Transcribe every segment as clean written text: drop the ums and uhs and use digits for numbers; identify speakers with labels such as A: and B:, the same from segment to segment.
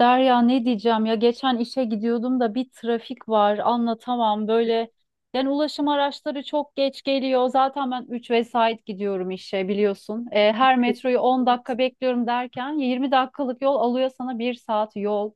A: Derya, ne diyeceğim ya, geçen işe gidiyordum da bir trafik var, anlatamam böyle. Yani ulaşım araçları çok geç geliyor. Zaten ben 3 vesait gidiyorum işe, biliyorsun. Her metroyu 10 dakika bekliyorum derken 20 dakikalık yol alıyor sana bir saat yol.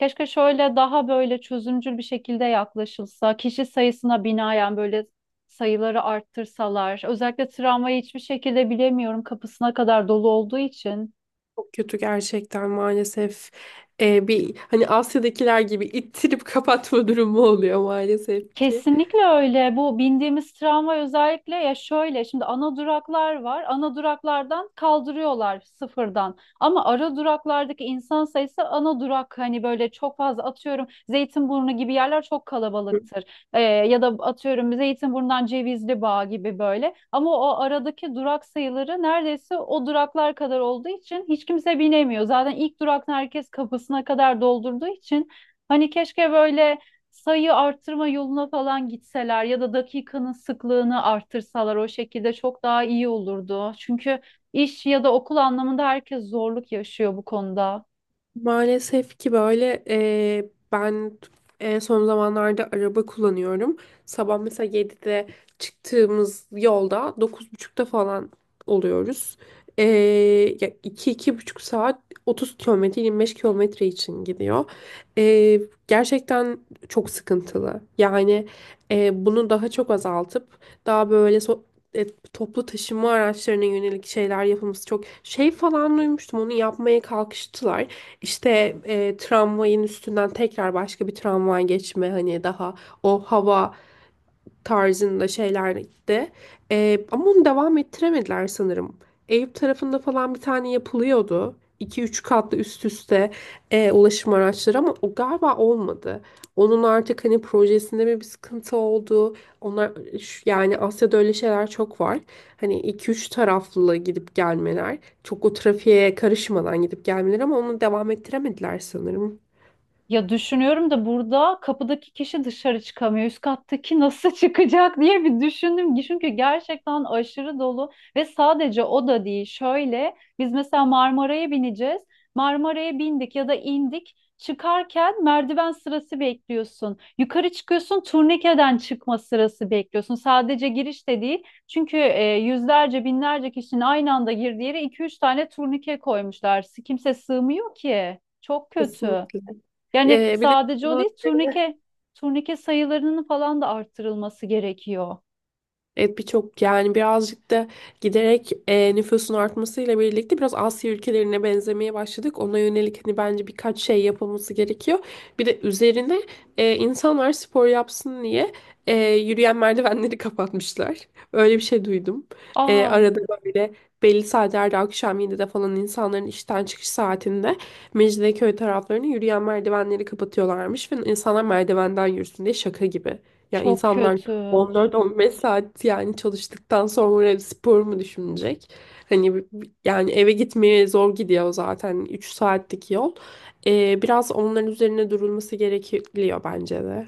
A: Keşke şöyle daha böyle çözümcül bir şekilde yaklaşılsa kişi sayısına binaen, böyle sayıları arttırsalar. Özellikle tramvayı hiçbir şekilde bilemiyorum, kapısına kadar dolu olduğu için.
B: Çok kötü gerçekten maalesef. Bir hani Asya'dakiler gibi ittirip kapatma durumu oluyor maalesef ki.
A: Kesinlikle öyle. Bu bindiğimiz tramvay özellikle, ya şöyle, şimdi ana duraklar var. Ana duraklardan kaldırıyorlar sıfırdan. Ama ara duraklardaki insan sayısı, ana durak hani böyle çok fazla, atıyorum Zeytinburnu gibi yerler çok kalabalıktır. Ya da atıyorum Zeytinburnu'ndan Cevizli gibi böyle. Ama o aradaki durak sayıları neredeyse o duraklar kadar olduğu için hiç kimse binemiyor. Zaten ilk duraktan herkes kapısına kadar doldurduğu için hani keşke böyle sayı artırma yoluna falan gitseler ya da dakikanın sıklığını artırsalar, o şekilde çok daha iyi olurdu. Çünkü iş ya da okul anlamında herkes zorluk yaşıyor bu konuda.
B: Maalesef ki böyle ben en son zamanlarda araba kullanıyorum. Sabah mesela 7'de çıktığımız yolda 9.30'da falan oluyoruz. Ya iki iki buçuk saat 30 kilometre 25 kilometre için gidiyor. Eee, gerçekten çok sıkıntılı. Yani bunu daha çok azaltıp daha böyle e, toplu taşıma araçlarına yönelik şeyler yapılması çok şey falan duymuştum, onu yapmaya kalkıştılar. İşte tramvayın üstünden tekrar başka bir tramvay geçme, hani daha o hava tarzında şeyler de. Ama onu devam ettiremediler sanırım. Eyüp tarafında falan bir tane yapılıyordu. İki üç katlı üst üste ulaşım araçları, ama o galiba olmadı. Onun artık hani projesinde mi bir sıkıntı oldu? Onlar yani Asya'da öyle şeyler çok var. Hani iki üç taraflı gidip gelmeler, çok o trafiğe karışmadan gidip gelmeler, ama onu devam ettiremediler sanırım.
A: Ya düşünüyorum da, burada kapıdaki kişi dışarı çıkamıyor. Üst kattaki nasıl çıkacak diye bir düşündüm. Çünkü gerçekten aşırı dolu. Ve sadece o da değil. Şöyle, biz mesela Marmara'ya bineceğiz. Marmara'ya bindik ya da indik. Çıkarken merdiven sırası bekliyorsun. Yukarı çıkıyorsun, turnikeden çıkma sırası bekliyorsun. Sadece giriş de değil. Çünkü yüzlerce binlerce kişinin aynı anda girdiği yere 2-3 tane turnike koymuşlar. Kimse sığmıyor ki. Çok kötü.
B: Kesinlikle.
A: Yani
B: Bir de
A: sadece o değil, turnike sayılarının falan da arttırılması gerekiyor.
B: evet, birçok yani birazcık da giderek nüfusun artmasıyla birlikte biraz Asya ülkelerine benzemeye başladık. Ona yönelik hani bence birkaç şey yapılması gerekiyor. Bir de üzerine insanlar spor yapsın diye yürüyen merdivenleri kapatmışlar. Öyle bir şey duydum.
A: Aa,
B: Arada böyle belli saatlerde akşam 7'de falan insanların işten çıkış saatinde Mecidiyeköy taraflarını yürüyen merdivenleri kapatıyorlarmış ve insanlar merdivenden yürüsün diye, şaka gibi. Ya
A: çok
B: insanlar
A: kötü.
B: 14-15 saat yani çalıştıktan sonra spor mu düşünecek? Hani yani eve gitmeye zor gidiyor zaten, 3 saatlik yol. Biraz onların üzerine durulması gerekiyor bence de.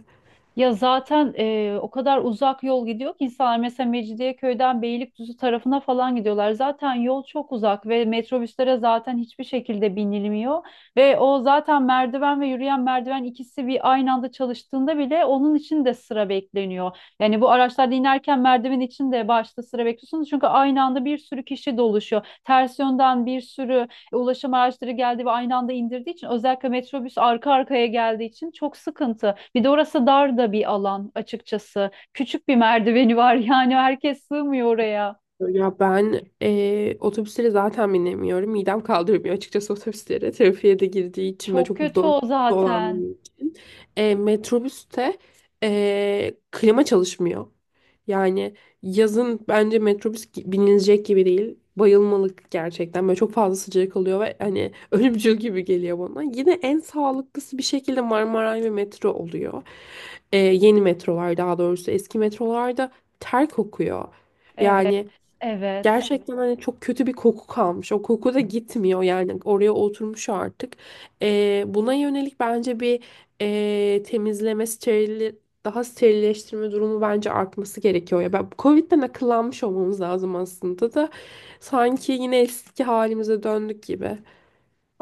A: Ya zaten o kadar uzak yol gidiyor ki insanlar mesela Mecidiyeköy'den Beylikdüzü tarafına falan gidiyorlar. Zaten yol çok uzak ve metrobüslere zaten hiçbir şekilde binilmiyor. Ve o zaten merdiven ve yürüyen merdiven ikisi bir aynı anda çalıştığında bile onun için de sıra bekleniyor. Yani bu araçlarda inerken merdiven için de başta sıra bekliyorsunuz. Çünkü aynı anda bir sürü kişi doluşuyor. Ters yönden bir sürü ulaşım araçları geldi ve aynı anda indirdiği için, özellikle metrobüs arka arkaya geldiği için, çok sıkıntı. Bir de orası dar da bir alan, açıkçası. Küçük bir merdiveni var, yani herkes sığmıyor oraya.
B: Ya ben otobüslere zaten binemiyorum. Midem kaldırmıyor açıkçası otobüslere. Trafiğe de girdiği için ve
A: Çok
B: çok
A: kötü o zaten.
B: dolandığı için. Metrobüste klima çalışmıyor. Yani yazın bence metrobüs binilecek gibi değil. Bayılmalık gerçekten. Böyle çok fazla sıcak oluyor ve hani ölümcül gibi geliyor bana. Yine en sağlıklısı bir şekilde Marmaray ve metro oluyor. Yeni metrolar, daha doğrusu eski metrolarda ter kokuyor.
A: Evet,
B: Yani
A: evet.
B: gerçekten hani çok kötü bir koku kalmış. O koku da gitmiyor yani, oraya oturmuş artık. Buna yönelik bence bir temizleme, steril, daha sterilleştirme durumu bence artması gerekiyor. Ya ben Covid'den akıllanmış olmamız lazım aslında da sanki yine eski halimize döndük gibi.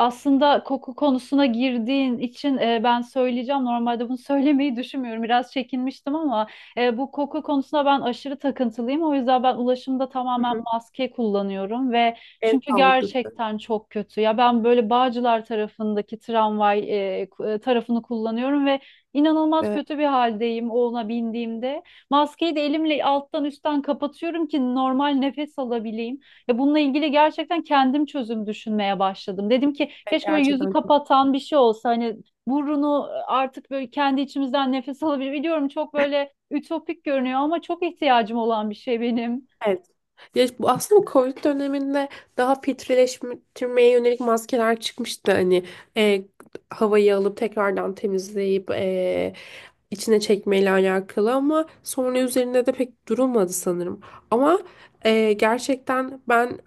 A: Aslında koku konusuna girdiğin için, ben söyleyeceğim. Normalde bunu söylemeyi düşünmüyorum. Biraz çekinmiştim ama bu koku konusuna ben aşırı takıntılıyım. O yüzden ben ulaşımda
B: Hı
A: tamamen
B: hı.
A: maske kullanıyorum ve
B: En
A: çünkü
B: sağlıklısı.
A: gerçekten çok kötü. Ya ben böyle Bağcılar tarafındaki tramvay tarafını kullanıyorum ve inanılmaz
B: Evet,
A: kötü bir haldeyim ona bindiğimde. Maskeyi de elimle alttan üstten kapatıyorum ki normal nefes alabileyim. Ve bununla ilgili gerçekten kendim çözüm düşünmeye başladım. Dedim ki,
B: evet,
A: keşke böyle yüzü
B: gerçekten.
A: kapatan bir şey olsa, hani burunu artık böyle kendi içimizden nefes alabilir. Biliyorum çok böyle ütopik görünüyor ama çok ihtiyacım olan bir şey benim.
B: Evet. Ya bu aslında Covid döneminde daha filtreleştirmeye yönelik maskeler çıkmıştı. Hani e, havayı alıp tekrardan temizleyip içine çekmeyle alakalı, ama sonra üzerinde de pek durulmadı sanırım. Ama gerçekten ben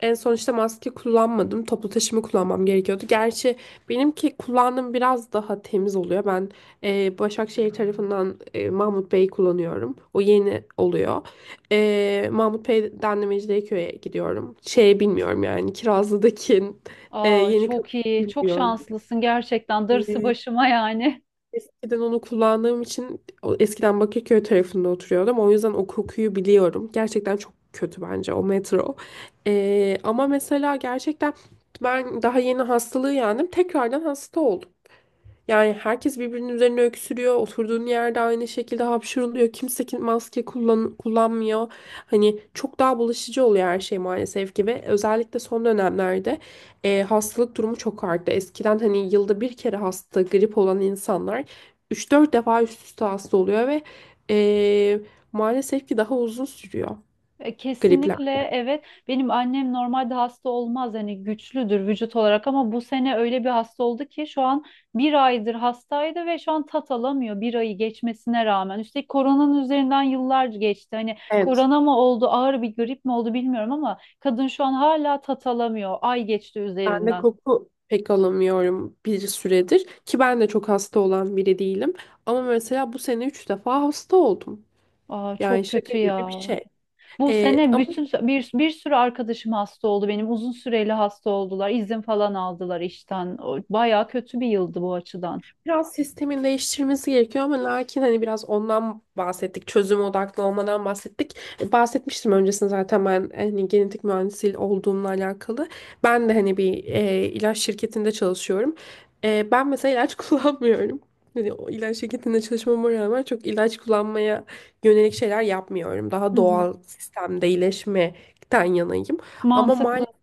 B: en son işte maske kullanmadım. Toplu taşıma kullanmam gerekiyordu. Gerçi benimki kullandığım biraz daha temiz oluyor. Ben Başakşehir tarafından Mahmut Bey kullanıyorum. O yeni oluyor. Mahmut Bey'den de Mecidiyeköy'e gidiyorum. Şey bilmiyorum yani, Kirazlı'daki
A: Aa,
B: yeni kapı,
A: çok iyi, çok
B: bilmiyorum.
A: şanslısın gerçekten. Darısı
B: Ee,
A: başıma yani.
B: eskiden onu kullandığım için o, eskiden Bakırköy tarafında oturuyordum. O yüzden o kokuyu biliyorum. Gerçekten çok kötü bence o metro. Ama mesela gerçekten ben daha yeni hastalığı yendim, tekrardan hasta oldum. Yani herkes birbirinin üzerine öksürüyor, oturduğun yerde aynı şekilde hapşırılıyor, kimse maske kullanmıyor. Hani çok daha bulaşıcı oluyor her şey maalesef ki, ve özellikle son dönemlerde hastalık durumu çok arttı. Eskiden hani yılda bir kere hasta, grip olan insanlar 3-4 defa üst üste hasta oluyor ve e, maalesef ki daha uzun sürüyor
A: Kesinlikle
B: kliplerde.
A: evet. Benim annem normalde hasta olmaz, hani güçlüdür vücut olarak, ama bu sene öyle bir hasta oldu ki, şu an bir aydır hastaydı ve şu an tat alamıyor, bir ayı geçmesine rağmen. Üstelik koronanın üzerinden yıllar geçti. Hani
B: Evet,
A: korona mı oldu, ağır bir grip mi oldu bilmiyorum, ama kadın şu an hala tat alamıyor. Ay geçti
B: ben de
A: üzerinden.
B: koku pek alamıyorum bir süredir, ki ben de çok hasta olan biri değilim. Ama mesela bu sene 3 defa hasta oldum.
A: Aa,
B: Yani
A: çok
B: şaka
A: kötü
B: gibi bir
A: ya.
B: şey.
A: Bu
B: Ee,
A: sene bütün bir sürü arkadaşım hasta oldu. Benim uzun süreli hasta oldular. İzin falan aldılar işten. Bayağı kötü bir yıldı bu açıdan.
B: Biraz sistemin değiştirmesi gerekiyor ama lakin hani biraz ondan bahsettik, çözüm odaklı olmadan bahsettik. Bahsetmiştim öncesinde zaten, ben hani genetik mühendisi olduğumla alakalı. Ben de hani bir ilaç şirketinde çalışıyorum. Ben mesela ilaç kullanmıyorum. Hani o ilaç şirketinde çalışmama rağmen çok ilaç kullanmaya yönelik şeyler yapmıyorum.
A: Hı
B: Daha
A: hı.
B: doğal sistemde iyileşmekten yanayım. Ama
A: Mantıklı.
B: maalesef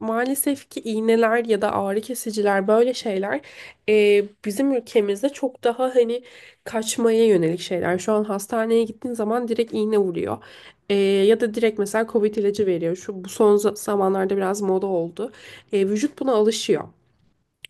B: Maalesef ki iğneler ya da ağrı kesiciler böyle şeyler bizim ülkemizde çok daha hani kaçmaya yönelik şeyler. Şu an hastaneye gittiğin zaman direkt iğne vuruyor. Ya da direkt mesela Covid ilacı veriyor. Şu bu son zamanlarda biraz moda oldu. Vücut buna alışıyor.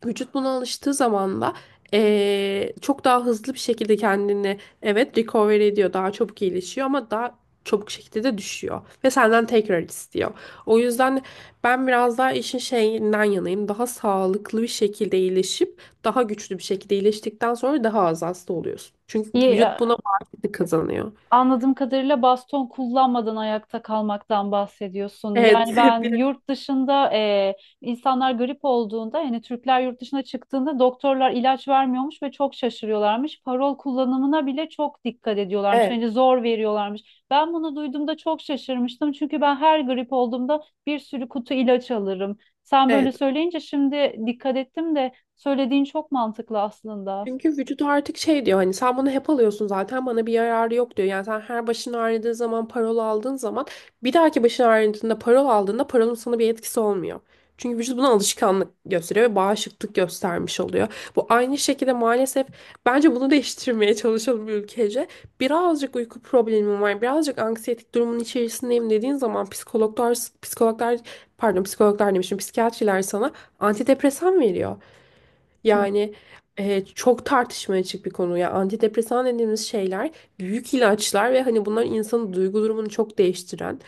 B: Vücut buna alıştığı zaman da çok daha hızlı bir şekilde kendini, evet, recover ediyor. Daha çabuk iyileşiyor ama daha çabuk şekilde de düşüyor. Ve senden tekrar istiyor. O yüzden ben biraz daha işin şeyinden yanayım. Daha sağlıklı bir şekilde iyileşip daha güçlü bir şekilde iyileştikten sonra daha az hasta oluyorsun, çünkü
A: İyi,
B: vücut buna bağışıklık kazanıyor.
A: anladığım kadarıyla baston kullanmadan ayakta kalmaktan bahsediyorsun. Yani
B: Evet.
A: ben yurt dışında, insanlar grip olduğunda, yani Türkler yurt dışına çıktığında doktorlar ilaç vermiyormuş ve çok şaşırıyorlarmış. Parol kullanımına bile çok dikkat ediyorlarmış.
B: Evet.
A: Hani zor veriyorlarmış. Ben bunu duyduğumda çok şaşırmıştım. Çünkü ben her grip olduğumda bir sürü kutu ilaç alırım. Sen böyle
B: Evet.
A: söyleyince şimdi dikkat ettim de, söylediğin çok mantıklı aslında.
B: Çünkü vücut artık şey diyor hani, sen bunu hep alıyorsun zaten, bana bir yararı yok diyor. Yani sen her başın ağrıdığı zaman parol aldığın zaman, bir dahaki başın ağrıdığında parol aldığında parolun sana bir etkisi olmuyor. Çünkü vücut buna alışkanlık gösteriyor ve bağışıklık göstermiş oluyor. Bu aynı şekilde maalesef, bence bunu değiştirmeye çalışalım ülkece. Birazcık uyku problemim var, birazcık anksiyetik durumun içerisindeyim dediğin zaman psikologlar, psikologlar pardon, psikologlar demişim, psikiyatriler sana antidepresan veriyor.
A: Hı.
B: Yani çok tartışmaya açık bir konu. Ya antidepresan dediğimiz şeyler büyük ilaçlar, ve hani bunlar insanın duygu durumunu çok değiştiren,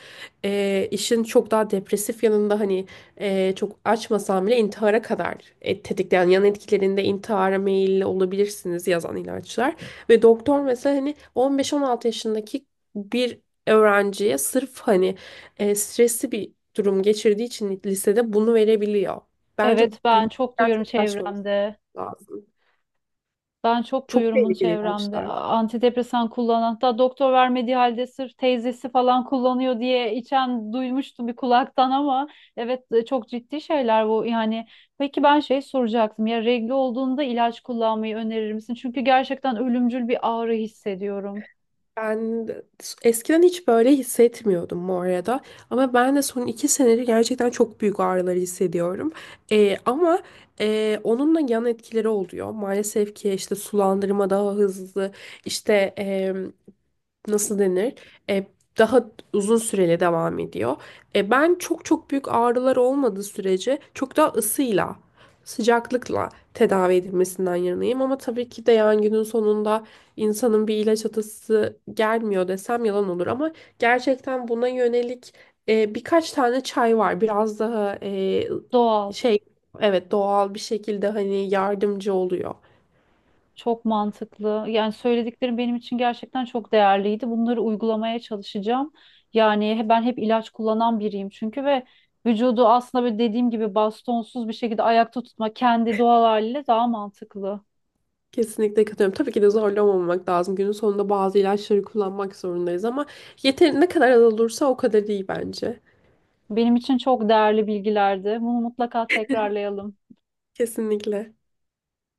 B: işin çok daha depresif yanında hani, çok açmasam bile intihara kadar tetikleyen, yan etkilerinde intihara meyilli olabilirsiniz yazan ilaçlar. Ve doktor mesela hani 15-16 yaşındaki bir öğrenciye sırf hani stresli bir durum geçirdiği için lisede bunu verebiliyor. Bence
A: Evet, ben
B: bunu
A: çok duyuyorum
B: gerçekleşmemiz
A: çevremde.
B: lazım.
A: Ben çok
B: Çok
A: duyuyorum bunu
B: tehlikeli
A: çevremde.
B: ilaçlar.
A: Antidepresan kullanan, hatta doktor vermediği halde sırf teyzesi falan kullanıyor diye içen duymuştum bir kulaktan, ama evet, çok ciddi şeyler bu. Yani peki, ben şey soracaktım, ya regl olduğunda ilaç kullanmayı önerir misin? Çünkü gerçekten ölümcül bir ağrı hissediyorum.
B: Ben de- Eskiden hiç böyle hissetmiyordum bu arada. Ama ben de son 2 senedir gerçekten çok büyük ağrıları hissediyorum. Ama onun da yan etkileri oluyor. Maalesef ki işte sulandırma daha hızlı, işte nasıl denir? E, daha uzun süreli devam ediyor. Ben çok çok büyük ağrılar olmadığı sürece çok daha ısıyla, sıcaklıkla tedavi edilmesinden yanayım. Ama tabii ki de yani günün sonunda insanın bir ilaç atası gelmiyor desem yalan olur. Ama gerçekten buna yönelik birkaç tane çay var. Biraz daha
A: Doğal.
B: şey, evet, doğal bir şekilde hani yardımcı oluyor.
A: Çok mantıklı. Yani söylediklerim benim için gerçekten çok değerliydi. Bunları uygulamaya çalışacağım. Yani ben hep ilaç kullanan biriyim çünkü, ve vücudu aslında böyle, dediğim gibi, bastonsuz bir şekilde ayakta tutma, kendi doğal haliyle daha mantıklı.
B: Kesinlikle katılıyorum. Tabii ki de zorlamamak lazım. Günün sonunda bazı ilaçları kullanmak zorundayız ama yeteri ne kadar az olursa o kadar iyi bence.
A: Benim için çok değerli bilgilerdi. Bunu mutlaka tekrarlayalım.
B: Kesinlikle.